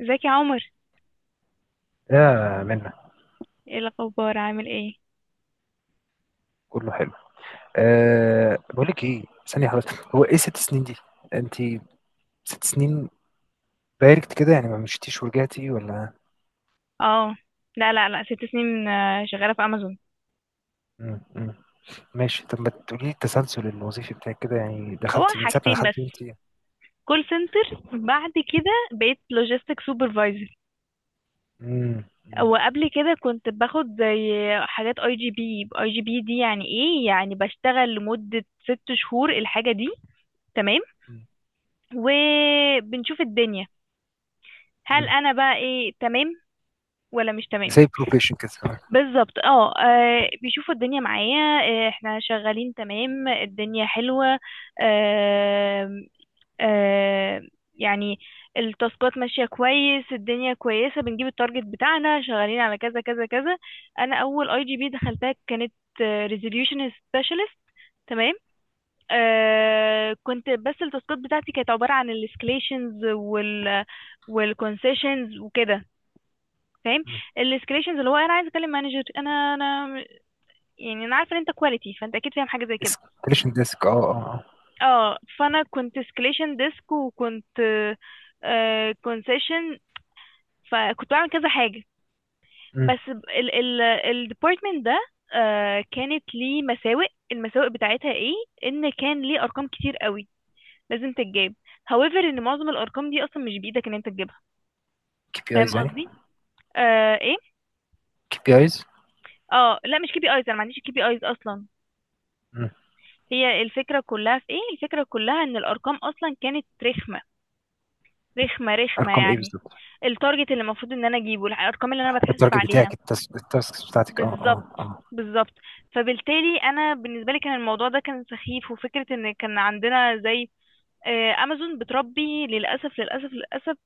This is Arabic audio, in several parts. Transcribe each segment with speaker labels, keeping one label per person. Speaker 1: ازيك يا عمر؟
Speaker 2: يا منى،
Speaker 1: ايه الاخبار؟ عامل ايه؟
Speaker 2: كله حلو. أه، بقول لك ايه؟ ثانية، خلاص. هو ايه ست سنين دي؟ انت، ست سنين باركت كده، يعني ما مشيتيش ورجعتي ولا؟
Speaker 1: اه، لا لا لا، ست سنين شغاله في امازون.
Speaker 2: مم. مم. ماشي، طب ما تقولي لي التسلسل الوظيفي بتاعك كده، يعني
Speaker 1: هو
Speaker 2: دخلتي من ساعة ما
Speaker 1: حاجتين
Speaker 2: دخلتي وانت؟
Speaker 1: بس: كول سنتر، بعد كده بقيت لوجيستيك سوبرفايزر.
Speaker 2: مم. مم.
Speaker 1: وقبل كده كنت باخد زي حاجات اي جي بي. اي جي بي دي يعني ايه؟ يعني بشتغل لمده ست شهور الحاجه دي، تمام،
Speaker 2: مم.
Speaker 1: وبنشوف الدنيا هل
Speaker 2: مم.
Speaker 1: انا بقى ايه، تمام ولا مش تمام.
Speaker 2: زي بروفيشن كده، آه.
Speaker 1: بالظبط، اه، بيشوفوا الدنيا معايا. احنا شغالين تمام، الدنيا حلوة، آه، آه، يعني التاسكات ماشية كويس، الدنيا كويسة، بنجيب التارجت بتاعنا، شغالين على كذا كذا كذا. انا اول اي جي بي دخلتها كانت ريزوليوشن سبيشالست، تمام. كنت بس التاسكات بتاعتي كانت عبارة عن الاسكليشنز وال والكونسيشنز وكده، فاهم؟
Speaker 2: مم.
Speaker 1: الاسكليشنز اللي هو انا عايز اكلم مانجر، انا يعني انا عارفه ان انت كواليتي فانت اكيد فاهم حاجه زي كده.
Speaker 2: اسكليشن ديسك، اه اه
Speaker 1: اه، فانا كنت سكليشن ديسك وكنت كونسيشن، فكنت بعمل كذا حاجه.
Speaker 2: اه.
Speaker 1: بس ال ال الديبارتمنت ده كانت ليه مساوئ. المساوئ بتاعتها ايه؟ ان كان ليه ارقام كتير قوي لازم تتجاب، however ان معظم الارقام دي اصلا مش بايدك ان انت تجيبها،
Speaker 2: كي بي
Speaker 1: فاهم
Speaker 2: ايز يعني؟
Speaker 1: قصدي؟ ايه.
Speaker 2: كي بي ايز.
Speaker 1: اه لا، مش كي بي ايز، انا ما عنديش كي بي ايز اصلا. هي الفكره كلها في ايه؟ الفكره كلها ان الارقام اصلا كانت رخمه، رخمة رخمة
Speaker 2: ارقام ايه
Speaker 1: يعني.
Speaker 2: بالظبط؟
Speaker 1: التارجت اللي المفروض ان انا اجيبه، الارقام اللي انا بتحاسب
Speaker 2: التارجت
Speaker 1: عليها.
Speaker 2: بتاعك، التاسكس بتاعتك، اه اه
Speaker 1: بالظبط
Speaker 2: اه
Speaker 1: بالظبط. فبالتالي انا بالنسبه لي كان الموضوع ده كان سخيف، وفكره ان كان عندنا زي امازون بتربي، للاسف للاسف للاسف،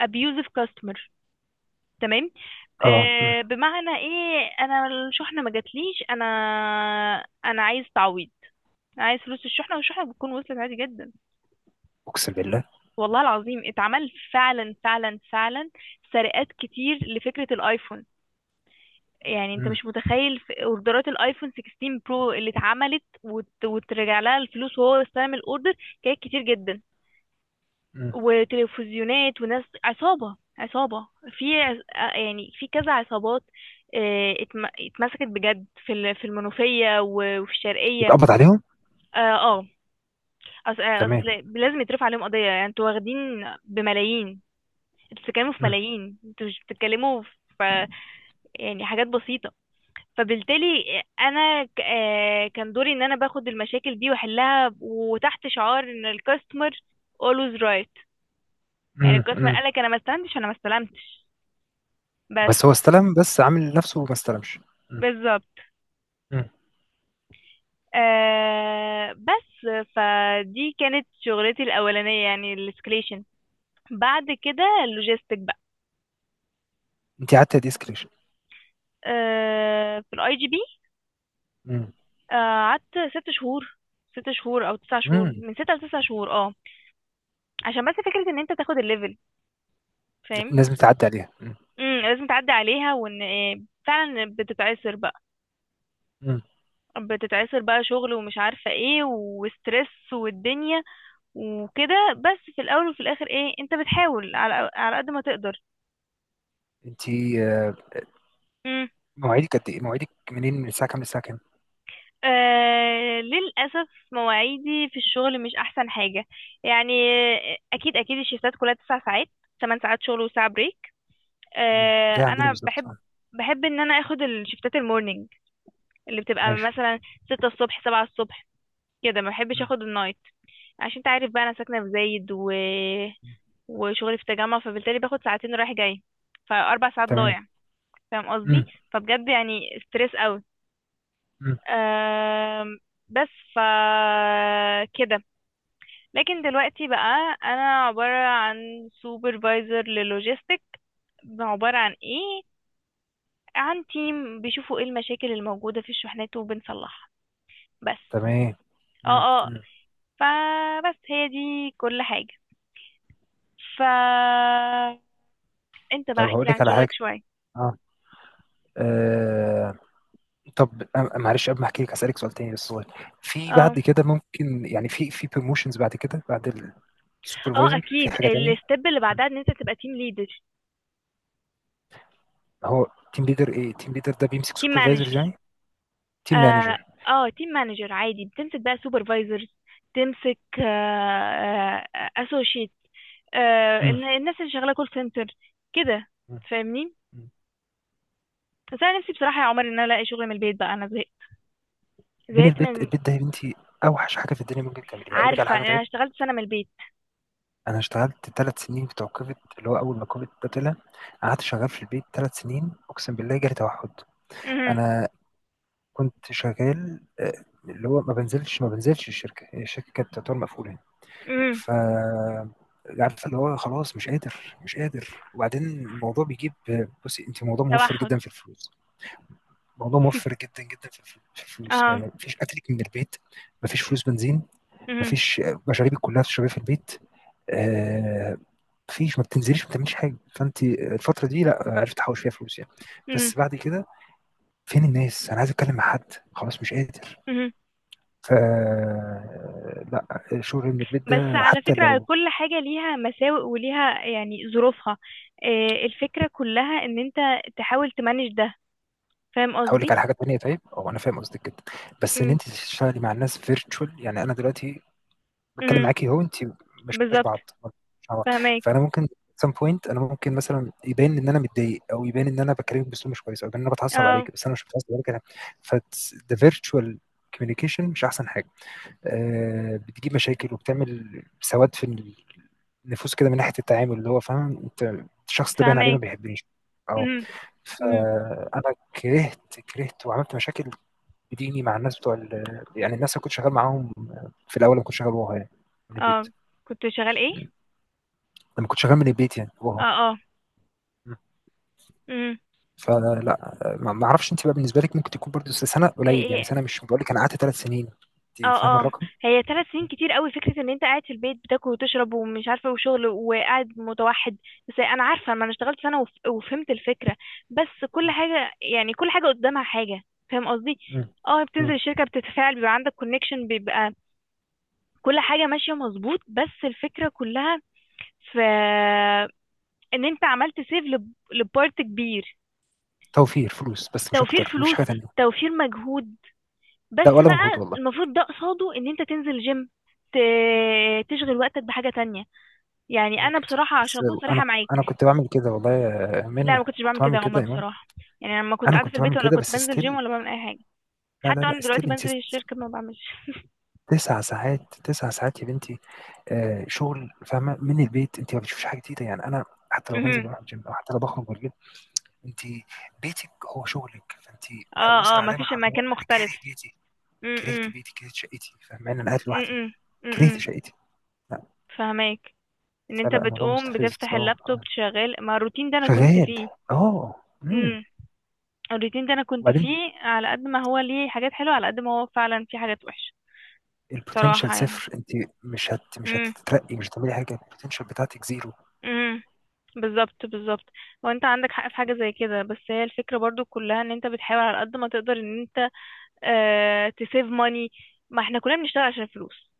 Speaker 1: ابيوزيف كاستمر، تمام.
Speaker 2: اه. مم.
Speaker 1: بمعنى ايه؟ انا الشحنه ما جاتليش، انا انا عايز تعويض، عايز فلوس الشحنه، والشحنه بتكون وصلت عادي جدا.
Speaker 2: اقسم بالله.
Speaker 1: والله العظيم اتعمل، فعلا فعلا فعلا. سرقات كتير لفكرة الايفون، يعني انت مش متخيل في اوردرات الايفون 16 برو اللي اتعملت وترجع لها الفلوس وهو استلم الاوردر، كانت كتير جدا. وتلفزيونات، وناس عصابة عصابة، في يعني في كذا عصابات، اتمسكت بجد في في المنوفية وفي الشرقية.
Speaker 2: اتقبض عليهم؟
Speaker 1: اه اصل
Speaker 2: تمام.
Speaker 1: اصل لازم يترفع عليهم قضية، يعني انتوا واخدين بملايين، انتوا بتتكلموا في
Speaker 2: مم.
Speaker 1: ملايين، انتوا مش بتتكلموا في يعني حاجات بسيطة. فبالتالي انا كان دوري ان انا باخد المشاكل دي واحلها، وتحت شعار ان الكاستمر always right. يعني
Speaker 2: مم.
Speaker 1: الكاستمر
Speaker 2: مم.
Speaker 1: قالك انا ما استلمتش، انا ما استلمتش، بس.
Speaker 2: بس هو استلم، بس عامل نفسه ما استلمش. مم.
Speaker 1: بالظبط.
Speaker 2: مم.
Speaker 1: بس. فدي كانت شغلتي الاولانية يعني الاسكليشن. بعد كده اللوجيستيك بقى.
Speaker 2: انت قعدت قد ايه سكريشن؟
Speaker 1: في الاي جي بي
Speaker 2: مم.
Speaker 1: قعدت ست شهور، ست شهور او تسع شهور،
Speaker 2: مم.
Speaker 1: من ستة لتسع شهور، اه. عشان بس فكرة ان انت تاخد الليفل، فاهم؟
Speaker 2: لازم تعدي عليها. مم.
Speaker 1: لازم تعدي عليها، وان إيه، فعلا بتتعسر بقى،
Speaker 2: مم.
Speaker 1: بتتعسر بقى شغل، ومش عارفة ايه، وستريس، والدنيا، وكده. بس في الاول وفي الاخر ايه، انت بتحاول على قد ما تقدر.
Speaker 2: انت. آه،
Speaker 1: امم
Speaker 2: مواعيدك قد ايه؟ مواعيدك منين، من الساعه كام للساعه كام؟
Speaker 1: آه، للأسف مواعيدي في الشغل مش أحسن حاجة يعني. أكيد أكيد الشيفتات كلها تسع ساعات: تمن ساعات شغل وساعة بريك.
Speaker 2: مم. زي عندنا
Speaker 1: أنا
Speaker 2: بالظبط،
Speaker 1: بحب،
Speaker 2: آه.
Speaker 1: بحب إن أنا أخد الشيفتات المورنينج، اللي بتبقى
Speaker 2: ماشي.
Speaker 1: مثلا ستة الصبح، سبعة الصبح كده. ما بحبش
Speaker 2: مم.
Speaker 1: اخد النايت، عشان انت عارف بقى انا ساكنة في زايد وشغلي في التجمع، فبالتالي باخد ساعتين رايح جاي، فاربع ساعات
Speaker 2: تمام.
Speaker 1: ضايع، فاهم قصدي؟
Speaker 2: مم.
Speaker 1: فبجد يعني ستريس قوي.
Speaker 2: مم.
Speaker 1: أم... بس ف كده لكن دلوقتي بقى انا عبارة عن سوبرفايزر للوجيستيك. عبارة عن ايه؟ عن تيم، بيشوفوا ايه المشاكل الموجودة في الشحنات وبنصلحها بس.
Speaker 2: تمام.
Speaker 1: اه
Speaker 2: مم.
Speaker 1: اه،
Speaker 2: مم.
Speaker 1: فبس هي دي كل حاجة. ف انت بقى
Speaker 2: طب
Speaker 1: احكي
Speaker 2: هقول
Speaker 1: لي
Speaker 2: لك
Speaker 1: عن
Speaker 2: على
Speaker 1: شغلك
Speaker 2: حاجه.
Speaker 1: شوية.
Speaker 2: اه، آه. طب معلش، قبل ما احكي لك هسألك سؤال تاني بس صغير. في
Speaker 1: اه
Speaker 2: بعد كده ممكن يعني، في بروموشنز بعد كده، بعد
Speaker 1: اه،
Speaker 2: سوبرفايزر، في
Speaker 1: اكيد
Speaker 2: حاجة تانية؟
Speaker 1: الستيب اللي
Speaker 2: مم.
Speaker 1: بعدها ان انت تبقى تيم ليدر،
Speaker 2: هو تيم ليدر، ايه تيم ليدر ده، بيمسك
Speaker 1: تيم
Speaker 2: سوبرفايزرز
Speaker 1: مانجر.
Speaker 2: يعني؟ تيم
Speaker 1: اه،
Speaker 2: مانجر.
Speaker 1: اه تيم مانجر عادي بتمسك بقى سوبرفايزرز، تمسك اسوشيت،
Speaker 2: مم.
Speaker 1: الناس اللي شغاله كول سنتر كده،
Speaker 2: مم.
Speaker 1: فاهمني؟
Speaker 2: مم.
Speaker 1: بس انا نفسي بصراحه يا عمر ان انا الاقي شغل من البيت بقى، انا زهقت،
Speaker 2: من
Speaker 1: زهقت
Speaker 2: البيت؟
Speaker 1: من،
Speaker 2: البيت ده يا بنتي اوحش حاجة في الدنيا ممكن تعمليها. اقول لك على
Speaker 1: عارفه
Speaker 2: حاجة،
Speaker 1: انا
Speaker 2: طيب.
Speaker 1: اشتغلت سنه من البيت.
Speaker 2: انا اشتغلت ثلاث سنين بتوع كوفيد، اللي هو اول ما كوفيد ده طلع قعدت شغال في البيت ثلاث سنين. اقسم بالله جالي توحد.
Speaker 1: امم
Speaker 2: انا كنت شغال، آه، اللي هو ما بنزلش ما بنزلش الشركة الشركة كانت تعتبر مقفولة.
Speaker 1: امم
Speaker 2: ف عارفه، اللي هو خلاص مش قادر مش قادر، وبعدين الموضوع بيجيب. بصي انت، موضوع موفر
Speaker 1: توحد،
Speaker 2: جدا في الفلوس، موضوع موفر جدا جدا في الفلوس.
Speaker 1: اه.
Speaker 2: يعني مفيش اكلك من البيت، مفيش فلوس بنزين، مفيش، مشاريبك كلها بتشربيها في البيت، آه، مفيش، ما بتنزليش ما بتعمليش حاجه، فانت الفتره دي لا عرفت احوش فيها فلوس يعني.
Speaker 1: مهم.
Speaker 2: بس بعد كده، فين الناس؟ انا عايز اتكلم مع حد، خلاص مش قادر.
Speaker 1: مهم.
Speaker 2: ف لا، شغل من البيت
Speaker 1: بس
Speaker 2: ده،
Speaker 1: على
Speaker 2: حتى
Speaker 1: فكرة
Speaker 2: لو.
Speaker 1: كل حاجة ليها مساوئ وليها يعني ظروفها، الفكرة كلها ان انت تحاول تمانج ده، فاهم
Speaker 2: هاقول لِك على
Speaker 1: قصدي؟
Speaker 2: حاجة تانية طيب، هو أنا فاهم قصدِك جدًا، بس إن
Speaker 1: مم.
Speaker 2: أنتِ تشتغلي مع الناس virtual، يعني أنا دلوقتي باتكلم
Speaker 1: مم.
Speaker 2: معاكِ أهو، أنتِ ما شفناش
Speaker 1: بالظبط.
Speaker 2: بعض، مش مع بعض،
Speaker 1: فهماك،
Speaker 2: فأنا ممكن at some point أنا ممكن مثلًا يبان إن أنا متضايق، أو يبان إن أنا باكلمِك بأسلوب مش كويس، أو يبان إن أنا باتعصب
Speaker 1: اه.
Speaker 2: عليكِ، بس أنا مش متعصب عليكِ. أنا فت the virtual communication مش أحسن حاجة، بتجيب مشاكل وبتعمل سواد في النفوس كده، من ناحية التعامل، اللي هو فاهمة، أنت الشخص ده باين عليه ما
Speaker 1: فهماك.
Speaker 2: بيحبنيش. آه.
Speaker 1: مم. مم.
Speaker 2: فانا كرهت، كرهت وعملت مشاكل بديني مع الناس بتوع يعني الناس اللي كنت شغال معاهم في الاول، لما كنت شغال وها يعني من البيت.
Speaker 1: اه، كنت شغال ايه؟
Speaker 2: م. لما كنت شغال من البيت يعني،
Speaker 1: اه،
Speaker 2: وها.
Speaker 1: اه.
Speaker 2: م.
Speaker 1: مم.
Speaker 2: فلا، ما اعرفش، انت بقى بالنسبه لك ممكن تكون برضه سنه
Speaker 1: هي
Speaker 2: قليل، يعني
Speaker 1: إيه؟
Speaker 2: سنه، مش بقول لك انا قعدت ثلاث سنين. انت فاهم
Speaker 1: اه اه،
Speaker 2: الرقم؟
Speaker 1: هي ثلاث سنين
Speaker 2: م.
Speaker 1: كتير قوي فكرة ان انت قاعد في البيت بتاكل وتشرب ومش عارفة وشغل، وقاعد متوحد. بس انا عارفة، ما انا اشتغلت سنة وفهمت الفكرة. بس كل حاجة يعني، كل حاجة قدامها حاجة، فاهم قصدي؟
Speaker 2: م.
Speaker 1: اه،
Speaker 2: م.
Speaker 1: بتنزل الشركة، بتتفاعل، بيبقى عندك كونكشن، بيبقى كل حاجة ماشية مظبوط، بس الفكرة كلها في ان انت عملت سيف لبارت كبير.
Speaker 2: توفير فلوس بس، مش
Speaker 1: توفير
Speaker 2: اكتر، مش
Speaker 1: فلوس،
Speaker 2: حاجه تانية.
Speaker 1: توفير مجهود،
Speaker 2: لا،
Speaker 1: بس
Speaker 2: ولا مجهود
Speaker 1: بقى
Speaker 2: والله.
Speaker 1: المفروض ده قصاده ان انت تنزل جيم، تشغل وقتك بحاجة تانية. يعني انا
Speaker 2: ممكن صح
Speaker 1: بصراحة،
Speaker 2: بس،
Speaker 1: عشان اكون صريحة
Speaker 2: انا
Speaker 1: معاك،
Speaker 2: انا كنت بعمل كده، والله يا
Speaker 1: لا أنا
Speaker 2: منى
Speaker 1: ما كنتش
Speaker 2: كنت
Speaker 1: بعمل كده
Speaker 2: بعمل
Speaker 1: يا عمر،
Speaker 2: كده يا امام.
Speaker 1: بصراحة يعني. لما كنت
Speaker 2: انا
Speaker 1: قاعدة في
Speaker 2: كنت
Speaker 1: البيت
Speaker 2: بعمل
Speaker 1: ولا
Speaker 2: كده
Speaker 1: كنت
Speaker 2: بس
Speaker 1: بنزل جيم،
Speaker 2: ستيل.
Speaker 1: ولا بعمل اي حاجة.
Speaker 2: لا لا
Speaker 1: حتى
Speaker 2: لا،
Speaker 1: انا دلوقتي
Speaker 2: استيل انت،
Speaker 1: بنزل الشركة ما بعملش
Speaker 2: تسع ساعات، تسع ساعات يا بنتي. آه شغل فاهمه من البيت، انت ما بتشوفيش حاجه جديده يعني. انا حتى لو بنزل
Speaker 1: مهم.
Speaker 2: بروح الجيم، او حتى لو بخرج بالليل، انت بيتك هو شغلك. فانت
Speaker 1: اه
Speaker 2: هوصل
Speaker 1: اه، ما
Speaker 2: عليا
Speaker 1: فيش
Speaker 2: مرحله اللي هو
Speaker 1: مكان
Speaker 2: انا
Speaker 1: مختلف.
Speaker 2: كاره بيتي. كرهت
Speaker 1: امم
Speaker 2: بيتي، كرهت شقتي، فاهمه، انا قاعد لوحدي.
Speaker 1: امم
Speaker 2: كرهت
Speaker 1: امم
Speaker 2: شقتي، لا.
Speaker 1: فهماك، ان انت
Speaker 2: فلا الموضوع
Speaker 1: بتقوم
Speaker 2: مستفز،
Speaker 1: بتفتح
Speaker 2: اه،
Speaker 1: اللابتوب
Speaker 2: آه.
Speaker 1: شغال. ما الروتين ده انا كنت
Speaker 2: شغال،
Speaker 1: فيه.
Speaker 2: اه، امم
Speaker 1: امم الروتين ده انا كنت
Speaker 2: وبعدين
Speaker 1: فيه، على قد ما هو ليه حاجات حلوة، على قد ما هو فعلا فيه حاجات وحشة،
Speaker 2: البوتنشال
Speaker 1: بصراحة يعني.
Speaker 2: صفر. انت مش
Speaker 1: امم
Speaker 2: هتترقي، مش هتعملي حاجه، البوتنشال بتاعتك زيرو.
Speaker 1: امم بالظبط بالظبط. هو انت عندك حق في حاجة زي كده، بس هي الفكرة برضو كلها ان انت بتحاول على قد ما تقدر ان انت اه تسيف ماني. ما احنا كلنا بنشتغل عشان الفلوس،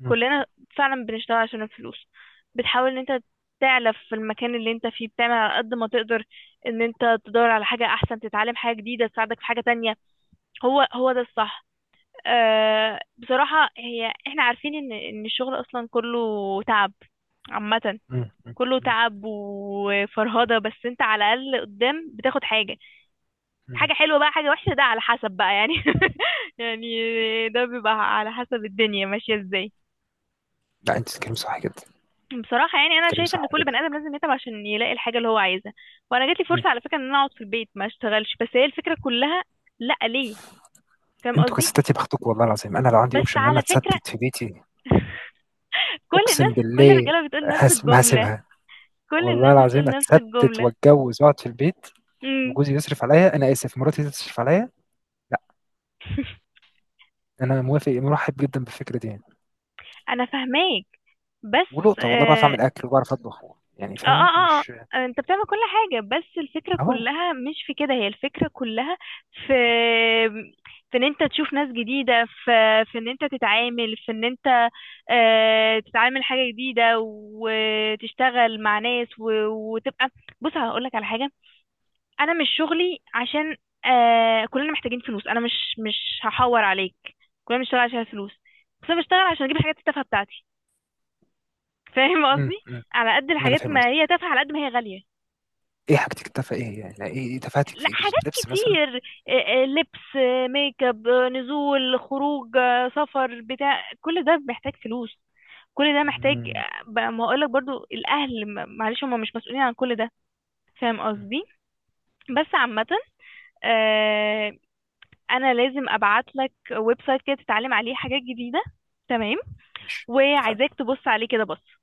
Speaker 2: مم.
Speaker 1: كلنا فعلا بنشتغل عشان الفلوس. بتحاول ان انت تعلف في المكان اللي انت فيه، بتعمل على قد ما تقدر، ان انت تدور على حاجة احسن، تتعلم حاجة جديدة تساعدك في حاجة تانية. هو هو ده الصح. اه بصراحة، هي احنا عارفين ان ان الشغل اصلا كله تعب عامة،
Speaker 2: مم.
Speaker 1: كله
Speaker 2: مم.
Speaker 1: تعب وفرهدة، بس انت على الأقل قدام بتاخد حاجة.
Speaker 2: مم.
Speaker 1: حاجة حلوة بقى حاجة وحشة، ده على حسب بقى يعني يعني ده بيبقى على حسب الدنيا ماشية ازاي.
Speaker 2: لا انت بتتكلمي صح جدا،
Speaker 1: بصراحة يعني أنا
Speaker 2: بتتكلمي
Speaker 1: شايفة
Speaker 2: صح
Speaker 1: إن كل بني
Speaker 2: جدا.
Speaker 1: آدم لازم يتعب عشان يلاقي الحاجة اللي هو عايزها. وأنا جاتلي
Speaker 2: مم.
Speaker 1: فرصة على فكرة إن أنا أقعد في البيت ما أشتغلش، بس هي الفكرة كلها، لأ ليه، فاهم
Speaker 2: انتوا
Speaker 1: قصدي؟
Speaker 2: كستات يا بختكم، والله العظيم انا لو عندي
Speaker 1: بس
Speaker 2: اوبشن ان انا
Speaker 1: على فكرة
Speaker 2: اتستت في بيتي،
Speaker 1: كل الناس،
Speaker 2: اقسم
Speaker 1: كل
Speaker 2: بالله،
Speaker 1: الرجالة بتقول نفس
Speaker 2: ما
Speaker 1: الجملة،
Speaker 2: هسيبها.
Speaker 1: كل
Speaker 2: والله
Speaker 1: الناس بتقول
Speaker 2: العظيم،
Speaker 1: نفس
Speaker 2: اتستت
Speaker 1: الجملة.
Speaker 2: واتجوز واقعد في البيت
Speaker 1: امم
Speaker 2: وجوزي يصرف عليا، انا اسف، مراتي تصرف عليا. لا، انا موافق، مرحب جدا بالفكره دي يعني.
Speaker 1: أنا فاهماك، بس
Speaker 2: ولقطه، والله بعرف
Speaker 1: آه،
Speaker 2: اعمل اكل وبعرف اطبخ، يعني
Speaker 1: اه
Speaker 2: فاهمه،
Speaker 1: اه اه.
Speaker 2: مش.
Speaker 1: انت بتعمل كل حاجة، بس الفكرة
Speaker 2: اهو.
Speaker 1: كلها مش في كده، هي الفكرة كلها في، في ان انت تشوف ناس جديدة، في في ان انت تتعامل، في ان انت تتعامل حاجة جديدة، وتشتغل مع ناس وتبقى. بص هقولك على حاجة، انا مش شغلي عشان كلنا محتاجين فلوس، انا مش هحور عليك. كلنا بنشتغل عشان الفلوس، بس انا بشتغل عشان اجيب الحاجات التافهة بتاعتي، فاهم
Speaker 2: امم
Speaker 1: قصدي؟
Speaker 2: امم
Speaker 1: على قد
Speaker 2: ما انا
Speaker 1: الحاجات
Speaker 2: فاهم
Speaker 1: ما
Speaker 2: قصدي.
Speaker 1: هي تافهة، على قد ما هي غالية.
Speaker 2: ايه حاجتك التافهه، ايه يعني؟ لا، إيه تفاهتك
Speaker 1: لا
Speaker 2: في ايه
Speaker 1: حاجات
Speaker 2: بالظبط؟ لبس مثلا؟
Speaker 1: كتير، لبس، ميك اب، نزول خروج، سفر، بتاع كل ده محتاج فلوس، كل ده محتاج.
Speaker 2: مم.
Speaker 1: ما هقولك برضو، الاهل معلش هم مش مسؤولين عن كل ده، فاهم
Speaker 2: مم.
Speaker 1: قصدي؟
Speaker 2: مم.
Speaker 1: بس عامة، آه، انا لازم ابعت لك ويب سايت كده تتعلم عليه حاجات جديدة، تمام،
Speaker 2: مش تفاهه.
Speaker 1: وعايزاك تبص عليه كده، بص.